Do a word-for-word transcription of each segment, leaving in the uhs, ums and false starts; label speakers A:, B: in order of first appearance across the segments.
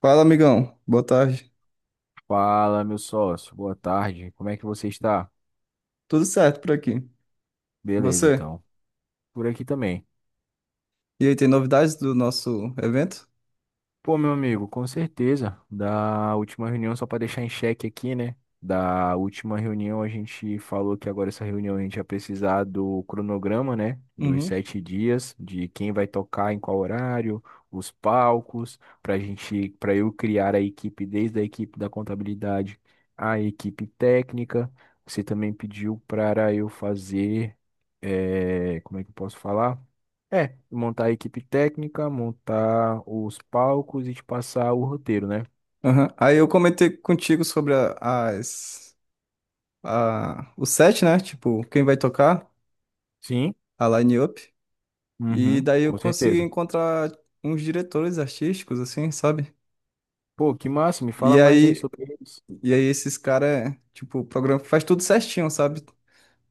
A: Fala, amigão. Boa tarde.
B: Fala, meu sócio. Boa tarde. Como é que você está?
A: Tudo certo por aqui. E
B: Beleza,
A: você?
B: então. Por aqui também.
A: E aí, tem novidades do nosso evento?
B: Pô, meu amigo, com certeza. Da última reunião, só para deixar em xeque aqui, né? Da última reunião, a gente falou que agora essa reunião a gente ia precisar do cronograma, né? Dos
A: Uhum.
B: sete dias, de quem vai tocar em qual horário, os palcos, para gente, para eu criar a equipe, desde a equipe da contabilidade, a equipe técnica. Você também pediu para eu fazer, eh, como é que eu posso falar? É, montar a equipe técnica, montar os palcos e te passar o roteiro, né?
A: Aham. Aí eu comentei contigo sobre a- as, a, o set, né? Tipo, quem vai tocar,
B: Sim,
A: a line-up. E
B: uhum,
A: daí eu
B: com
A: consegui
B: certeza.
A: encontrar uns diretores artísticos, assim, sabe?
B: Pô, que massa, me
A: E
B: fala mais aí
A: aí,
B: sobre eles.
A: e aí esses caras, tipo, o programa faz tudo certinho, sabe?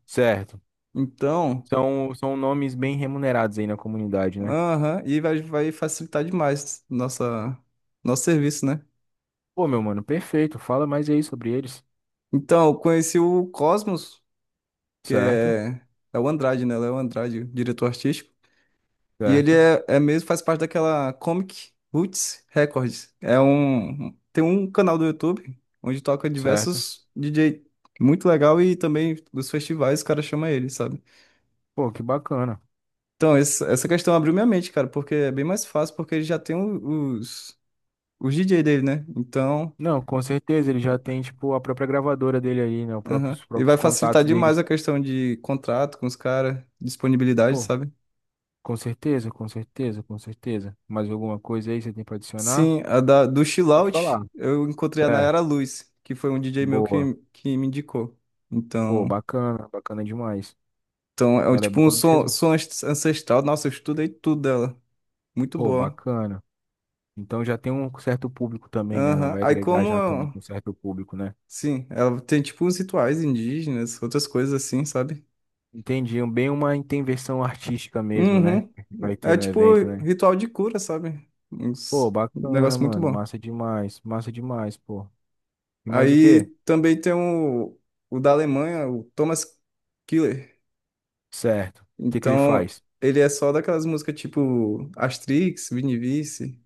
B: Certo.
A: Então,
B: São, são nomes bem remunerados aí na comunidade, né?
A: aham, e vai, vai facilitar demais nossa, nosso serviço, né?
B: Pô, meu mano, perfeito. Fala mais aí sobre eles.
A: Então, eu conheci o Cosmos, que
B: Certo,
A: é, é o Andrade, né? Léo Andrade, o diretor artístico. E ele
B: certo,
A: é, é mesmo, faz parte daquela Comic Roots Records. É um, tem um canal do YouTube onde toca
B: certo.
A: diversos D J muito legal e também dos festivais, o cara chama ele, sabe?
B: Pô, que bacana.
A: Então, esse- essa questão abriu minha mente, cara, porque é bem mais fácil, porque ele já tem o- os, os D Js dele, né? Então,
B: Não, com certeza, ele já tem, tipo, a própria gravadora dele aí, né? Os próprios,
A: aham.
B: os
A: E
B: próprios
A: vai facilitar
B: contatos
A: demais a
B: deles.
A: questão de contrato com os caras, disponibilidade,
B: Pô,
A: sabe?
B: com certeza, com certeza, com certeza. Mais alguma coisa aí você tem pra adicionar?
A: Sim, a da, do Chill
B: Pode
A: Out,
B: falar.
A: eu encontrei a
B: Certo.
A: Nayara Luz, que foi um D J meu
B: Boa.
A: que, que me indicou.
B: Pô,
A: Então,
B: bacana. Bacana demais.
A: então é um-
B: Ela é
A: tipo um
B: boa
A: som,
B: mesmo?
A: som ans- ancestral. Nossa, eu estudei tudo dela. Muito
B: Pô,
A: boa.
B: bacana. Então já tem um certo público também, né? Ela
A: Aham.
B: vai
A: Aí
B: agregar
A: como,
B: já também
A: eu-
B: com um certo público, né?
A: sim, ela tem tipo uns rituais indígenas, outras coisas assim, sabe?
B: Entendi. Um- Bem uma intervenção artística mesmo, né?
A: Uhum.
B: Que vai ter
A: É
B: no
A: tipo
B: evento, né?
A: ritual de cura, sabe?
B: Pô,
A: Uns- Um
B: bacana,
A: negócio muito
B: mano.
A: bom.
B: Massa demais. Massa demais, pô. E mais o
A: Aí
B: quê?
A: também tem o, o da Alemanha, o Thomas Killer.
B: Certo. O que que ele
A: Então,
B: faz?
A: ele é só daquelas músicas tipo Astrix, Vinivice.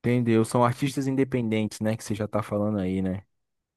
B: Entendeu? São artistas independentes, né? Que você já tá falando aí, né?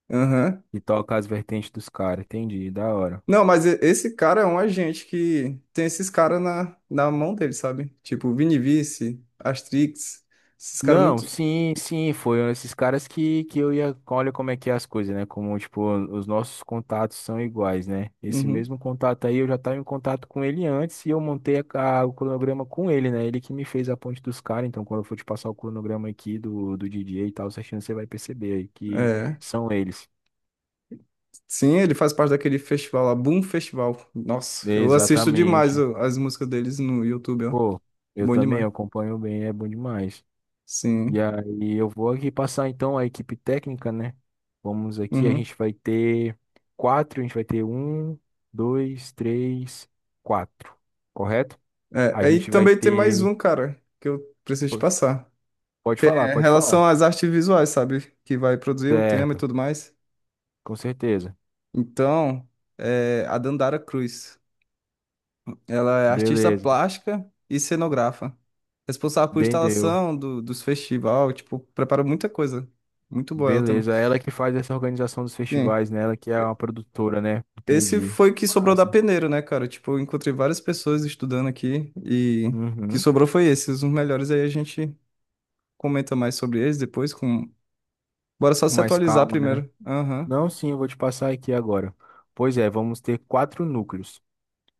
A: Aham.
B: E toca as vertentes dos caras. Entendi. Da hora.
A: Não, mas e- esse cara é um agente que tem esses caras na, na mão dele, sabe? Tipo Vinivice, Astrix, esses caras
B: Não,
A: muito.
B: sim, sim, foram esses caras que, que eu ia. Olha como é que é as coisas, né? Como, tipo, os nossos contatos são iguais, né? Esse
A: Uhum.
B: mesmo contato aí, eu já estava em contato com ele antes e eu montei a- a- o cronograma com ele, né? Ele que me fez a ponte dos caras. Então, quando eu for te passar o cronograma aqui do, do D J e tal, certinho, você vai perceber aí que
A: É.
B: são eles.
A: Sim, ele faz parte daquele festival lá, Boom Festival. Nossa, eu assisto demais
B: Exatamente.
A: ó, as músicas deles no YouTube, ó.
B: Pô, eu
A: Bom
B: também
A: demais.
B: acompanho bem, é bom demais. E
A: Sim.
B: aí eu vou aqui passar então a equipe técnica, né? Vamos aqui, a
A: Uhum.
B: gente vai ter quatro, a gente vai ter um, dois, três, quatro, correto?
A: É,
B: A
A: aí
B: gente vai
A: também tem mais
B: ter.
A: um, cara, que eu preciso te
B: po-
A: passar.
B: Pode
A: Que
B: falar,
A: é em
B: pode falar.
A: relação às artes visuais, sabe? Que vai produzir o tema e
B: Certo,
A: tudo mais.
B: com certeza.
A: Então, é, a Dandara Cruz, ela é artista
B: Beleza,
A: plástica e cenógrafa, responsável por
B: entendeu.
A: instalação do, dos festivais, tipo, prepara muita coisa. Muito boa ela também.
B: Beleza, é ela que faz essa organização dos
A: Sim.
B: festivais, né? Ela que é uma produtora, né?
A: Esse
B: Entendi.
A: foi o que sobrou da
B: Massa.
A: peneira, né, cara? Tipo, eu encontrei várias pessoas estudando aqui e o que
B: Uhum.
A: sobrou foi esses, os melhores. Aí a gente comenta mais sobre eles depois com... Bora só
B: Com
A: se
B: mais
A: atualizar
B: calma, né?
A: primeiro. Aham.
B: Não, sim, eu vou te passar aqui agora. Pois é, vamos ter quatro núcleos.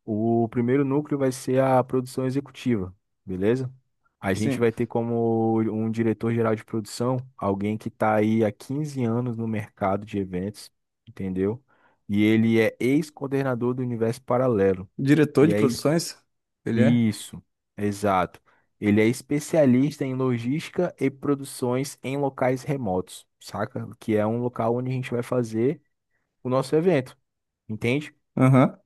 B: O primeiro núcleo vai ser a produção executiva, beleza? A gente
A: Sim.
B: vai ter como um diretor-geral de produção alguém que está aí há quinze anos no mercado de eventos, entendeu? E ele é ex-coordenador do Universo Paralelo.
A: Diretor
B: E
A: de
B: é es-
A: produções? Ele é?
B: isso, exato. Ele é especialista em logística e produções em locais remotos, saca? Que é um local onde a gente vai fazer o nosso evento, entende?
A: Aham.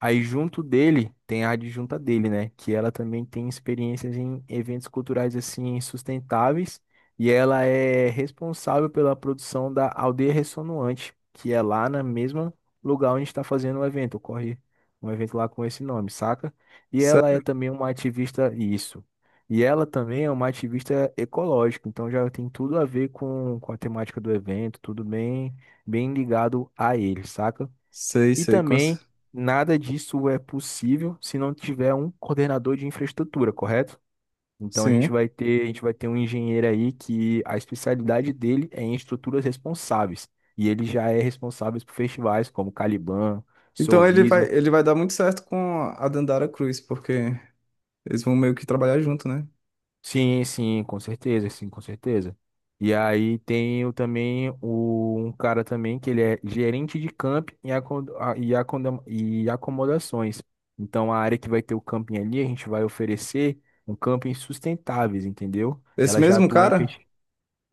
B: Aí junto dele tem a adjunta dele, né? Que ela também tem experiências em eventos culturais assim sustentáveis e ela é responsável pela produção da Aldeia Ressonante, que é lá no mesmo lugar onde está fazendo o evento. Ocorre um evento lá com esse nome, saca? E ela é
A: Sério?
B: também uma ativista isso. E ela também é uma ativista ecológica, então já tem tudo a ver com, com a temática do evento, tudo bem, bem ligado a ele, saca?
A: Sei,
B: E
A: sei, com
B: também,
A: cer-
B: nada disso é possível se não tiver um coordenador de infraestrutura, correto? Então a gente
A: sim.
B: vai ter, a gente vai ter um engenheiro aí que a especialidade dele é em estruturas responsáveis. E ele já é responsável por festivais como Caliban,
A: Então ele vai,
B: Solvision.
A: ele vai dar muito certo com a Dandara Cruz, porque eles vão meio que trabalhar junto, né?
B: Sim, sim, com certeza, sim, com certeza. E aí tem o, também o, um cara também que ele é gerente de camping e, acom- a- e, acondam- e acomodações. Então a área que vai ter o camping ali, a gente vai oferecer um camping sustentáveis, entendeu?
A: Esse
B: Ela já
A: mesmo
B: atua em
A: cara?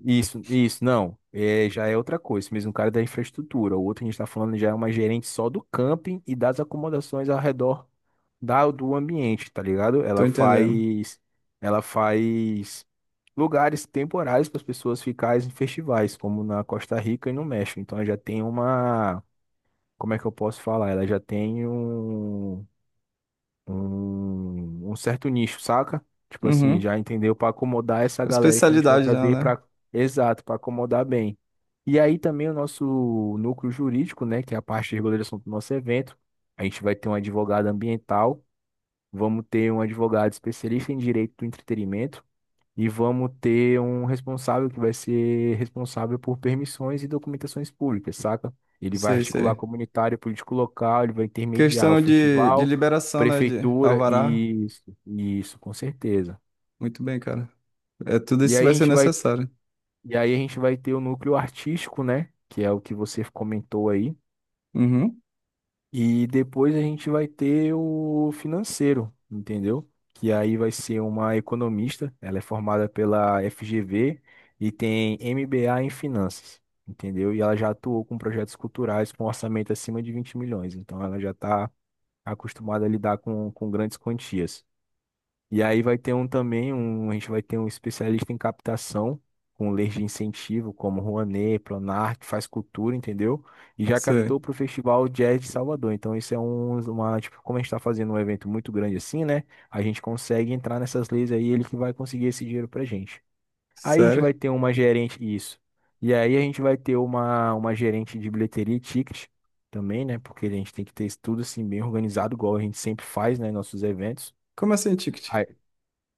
B: isso, isso, não. É, já é outra coisa. Esse mesmo o cara é da infraestrutura. O outro que a gente está falando já é uma gerente só do camping e das acomodações ao redor da, do ambiente, tá ligado?
A: Tô
B: Ela
A: entendendo.
B: faz, ela faz lugares temporários para as pessoas ficarem em festivais, como na Costa Rica e no México. Então ela já tem uma, como é que eu posso falar? Ela já tem um um, um certo nicho, saca? Tipo assim,
A: Uhum.
B: já entendeu? Para acomodar essa
A: A
B: galera que a gente vai
A: especialidade dela,
B: trazer
A: né?
B: para. Exato, para acomodar bem. E aí também o nosso núcleo jurídico, né, que é a parte de regulação do nosso evento. A gente vai ter um advogado ambiental, vamos ter um advogado especialista em direito do entretenimento e vamos ter um responsável que vai ser responsável por permissões e documentações públicas, saca? Ele vai
A: Sei,
B: articular
A: sei.
B: comunitário, político local, ele vai intermediar o
A: Questão de, de
B: festival,
A: liberação, né? De
B: prefeitura,
A: alvará.
B: e isso, isso, com certeza.
A: Muito bem, cara. É, tudo
B: E
A: isso
B: aí a
A: vai ser
B: gente vai,
A: necessário.
B: e aí a gente vai ter o núcleo artístico, né? Que é o que você comentou aí.
A: Uhum.
B: E depois a gente vai ter o financeiro, entendeu? Que aí vai ser uma economista, ela é formada pela F G V e tem M B A em finanças, entendeu? E ela já atuou com projetos culturais com orçamento acima de vinte milhões, então ela já está acostumada a lidar com, com grandes quantias. E aí vai ter um também, um, a gente vai ter um especialista em captação, com leis de incentivo, como Rouanet, Pronarc, Faz Cultura, entendeu? E já
A: Sei.
B: captou para o Festival Jazz de Salvador. Então, isso é um, uma, tipo, como a gente está fazendo um evento muito grande assim, né? A gente consegue entrar nessas leis aí, ele que vai conseguir esse dinheiro pra gente. Aí a gente vai
A: Sério?
B: ter uma gerente, isso. E aí a gente vai ter uma, uma gerente de bilheteria e ticket também, né? Porque a gente tem que ter isso tudo assim, bem organizado, igual a gente sempre faz, né? Em nossos eventos.
A: Como assim, ticket?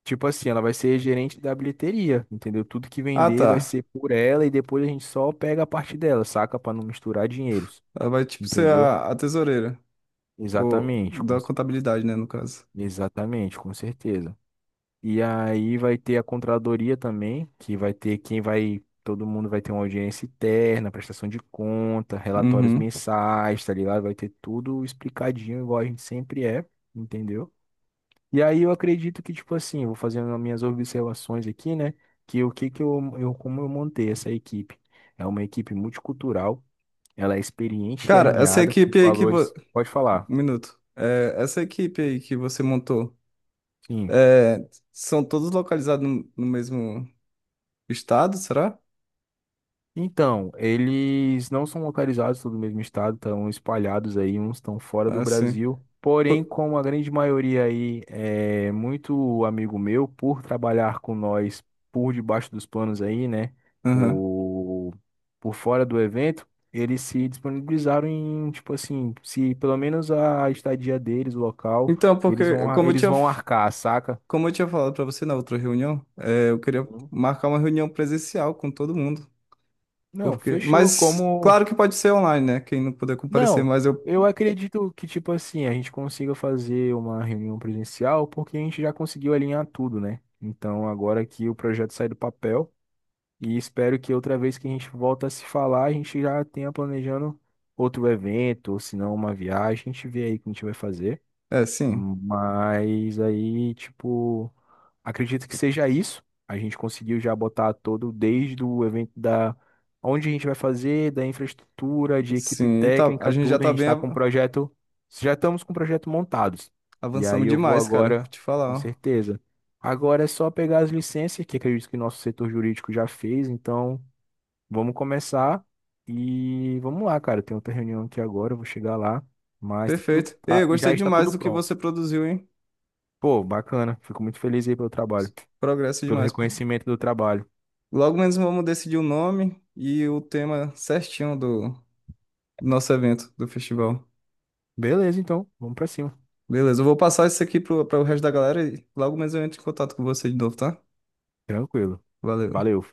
B: Tipo assim, ela vai ser gerente da bilheteria, entendeu? Tudo que
A: Ah,
B: vender
A: tá.
B: vai ser por ela e depois a gente só pega a parte dela, saca? Pra não misturar dinheiros,
A: Ela vai, tipo, ser
B: entendeu?
A: a, a tesoureira. Ou
B: Exatamente, com,
A: da
B: cer-
A: contabilidade, né, no caso.
B: exatamente, com certeza. E aí vai ter a contradoria também, que vai ter quem vai, todo mundo vai ter uma audiência interna, prestação de conta, relatórios
A: Uhum.
B: mensais, tá ligado? Vai ter tudo explicadinho, igual a gente sempre é, entendeu? E aí eu acredito que, tipo assim, eu vou fazendo as minhas observações aqui, né? Que o que que eu, eu como eu montei essa equipe? É uma equipe multicultural, ela é experiente e
A: Cara, essa
B: alinhada com
A: equipe aí que vo...
B: valores. Pode falar.
A: Um minuto. É, essa equipe aí que você montou,
B: Sim.
A: é, são todos localizados no, no mesmo estado, será?
B: Então, eles não são localizados todos no mesmo estado, estão espalhados aí, uns estão fora do
A: Ah, sim.
B: Brasil. Porém,
A: Po-
B: como a grande maioria aí é muito amigo meu, por trabalhar com nós por debaixo dos panos aí, né?
A: Aham.
B: Por, por fora do evento, eles se disponibilizaram em, tipo assim, se pelo menos a estadia deles, o local,
A: Então,
B: eles
A: porque,
B: vão, ar-
A: como eu
B: eles
A: tinha,
B: vão arcar, saca?
A: como eu tinha falado pra você na outra reunião, é, eu queria
B: Sim.
A: marcar uma reunião presencial com todo mundo.
B: Não,
A: Porque...
B: fechou.
A: Mas,
B: Como.
A: claro que pode ser online, né? Quem não puder comparecer,
B: Não,
A: mas eu...
B: eu acredito que, tipo assim, a gente consiga fazer uma reunião presencial porque a gente já conseguiu alinhar tudo, né? Então, agora que o projeto sai do papel e espero que outra vez que a gente volta a se falar, a gente já tenha planejando outro evento, ou se não, uma viagem. A gente vê aí o que a gente vai fazer.
A: É, sim.
B: Mas aí, tipo, acredito que seja isso. A gente conseguiu já botar todo, desde o evento da onde a gente vai fazer, da infraestrutura, de equipe
A: Sim, tá, a
B: técnica,
A: gente já
B: tudo. A
A: tá
B: gente
A: bem.
B: está com o projeto, já estamos com o projeto montados. E aí
A: Avançamos
B: eu vou
A: demais, cara. Vou
B: agora,
A: te falar,
B: com
A: ó.
B: certeza. Agora é só pegar as licenças, que acredito que o nosso setor jurídico já fez. Então, vamos começar e vamos lá, cara. Tem outra reunião aqui agora, eu vou chegar lá. Mas tá tudo,
A: Perfeito. Ei,
B: tá-
A: eu
B: já
A: gostei
B: está
A: demais
B: tudo
A: do que
B: pronto.
A: você produziu, hein?
B: Pô, bacana. Fico muito feliz aí pelo trabalho,
A: Progresso
B: pelo
A: demais, pô.
B: reconhecimento do trabalho.
A: Logo menos vamos decidir o nome e o tema certinho do, do nosso evento, do festival.
B: Beleza, então, vamos pra cima.
A: Beleza, eu vou passar isso aqui pro, para o resto da galera e logo menos eu entro em contato com você de novo, tá?
B: Tranquilo.
A: Valeu.
B: Valeu.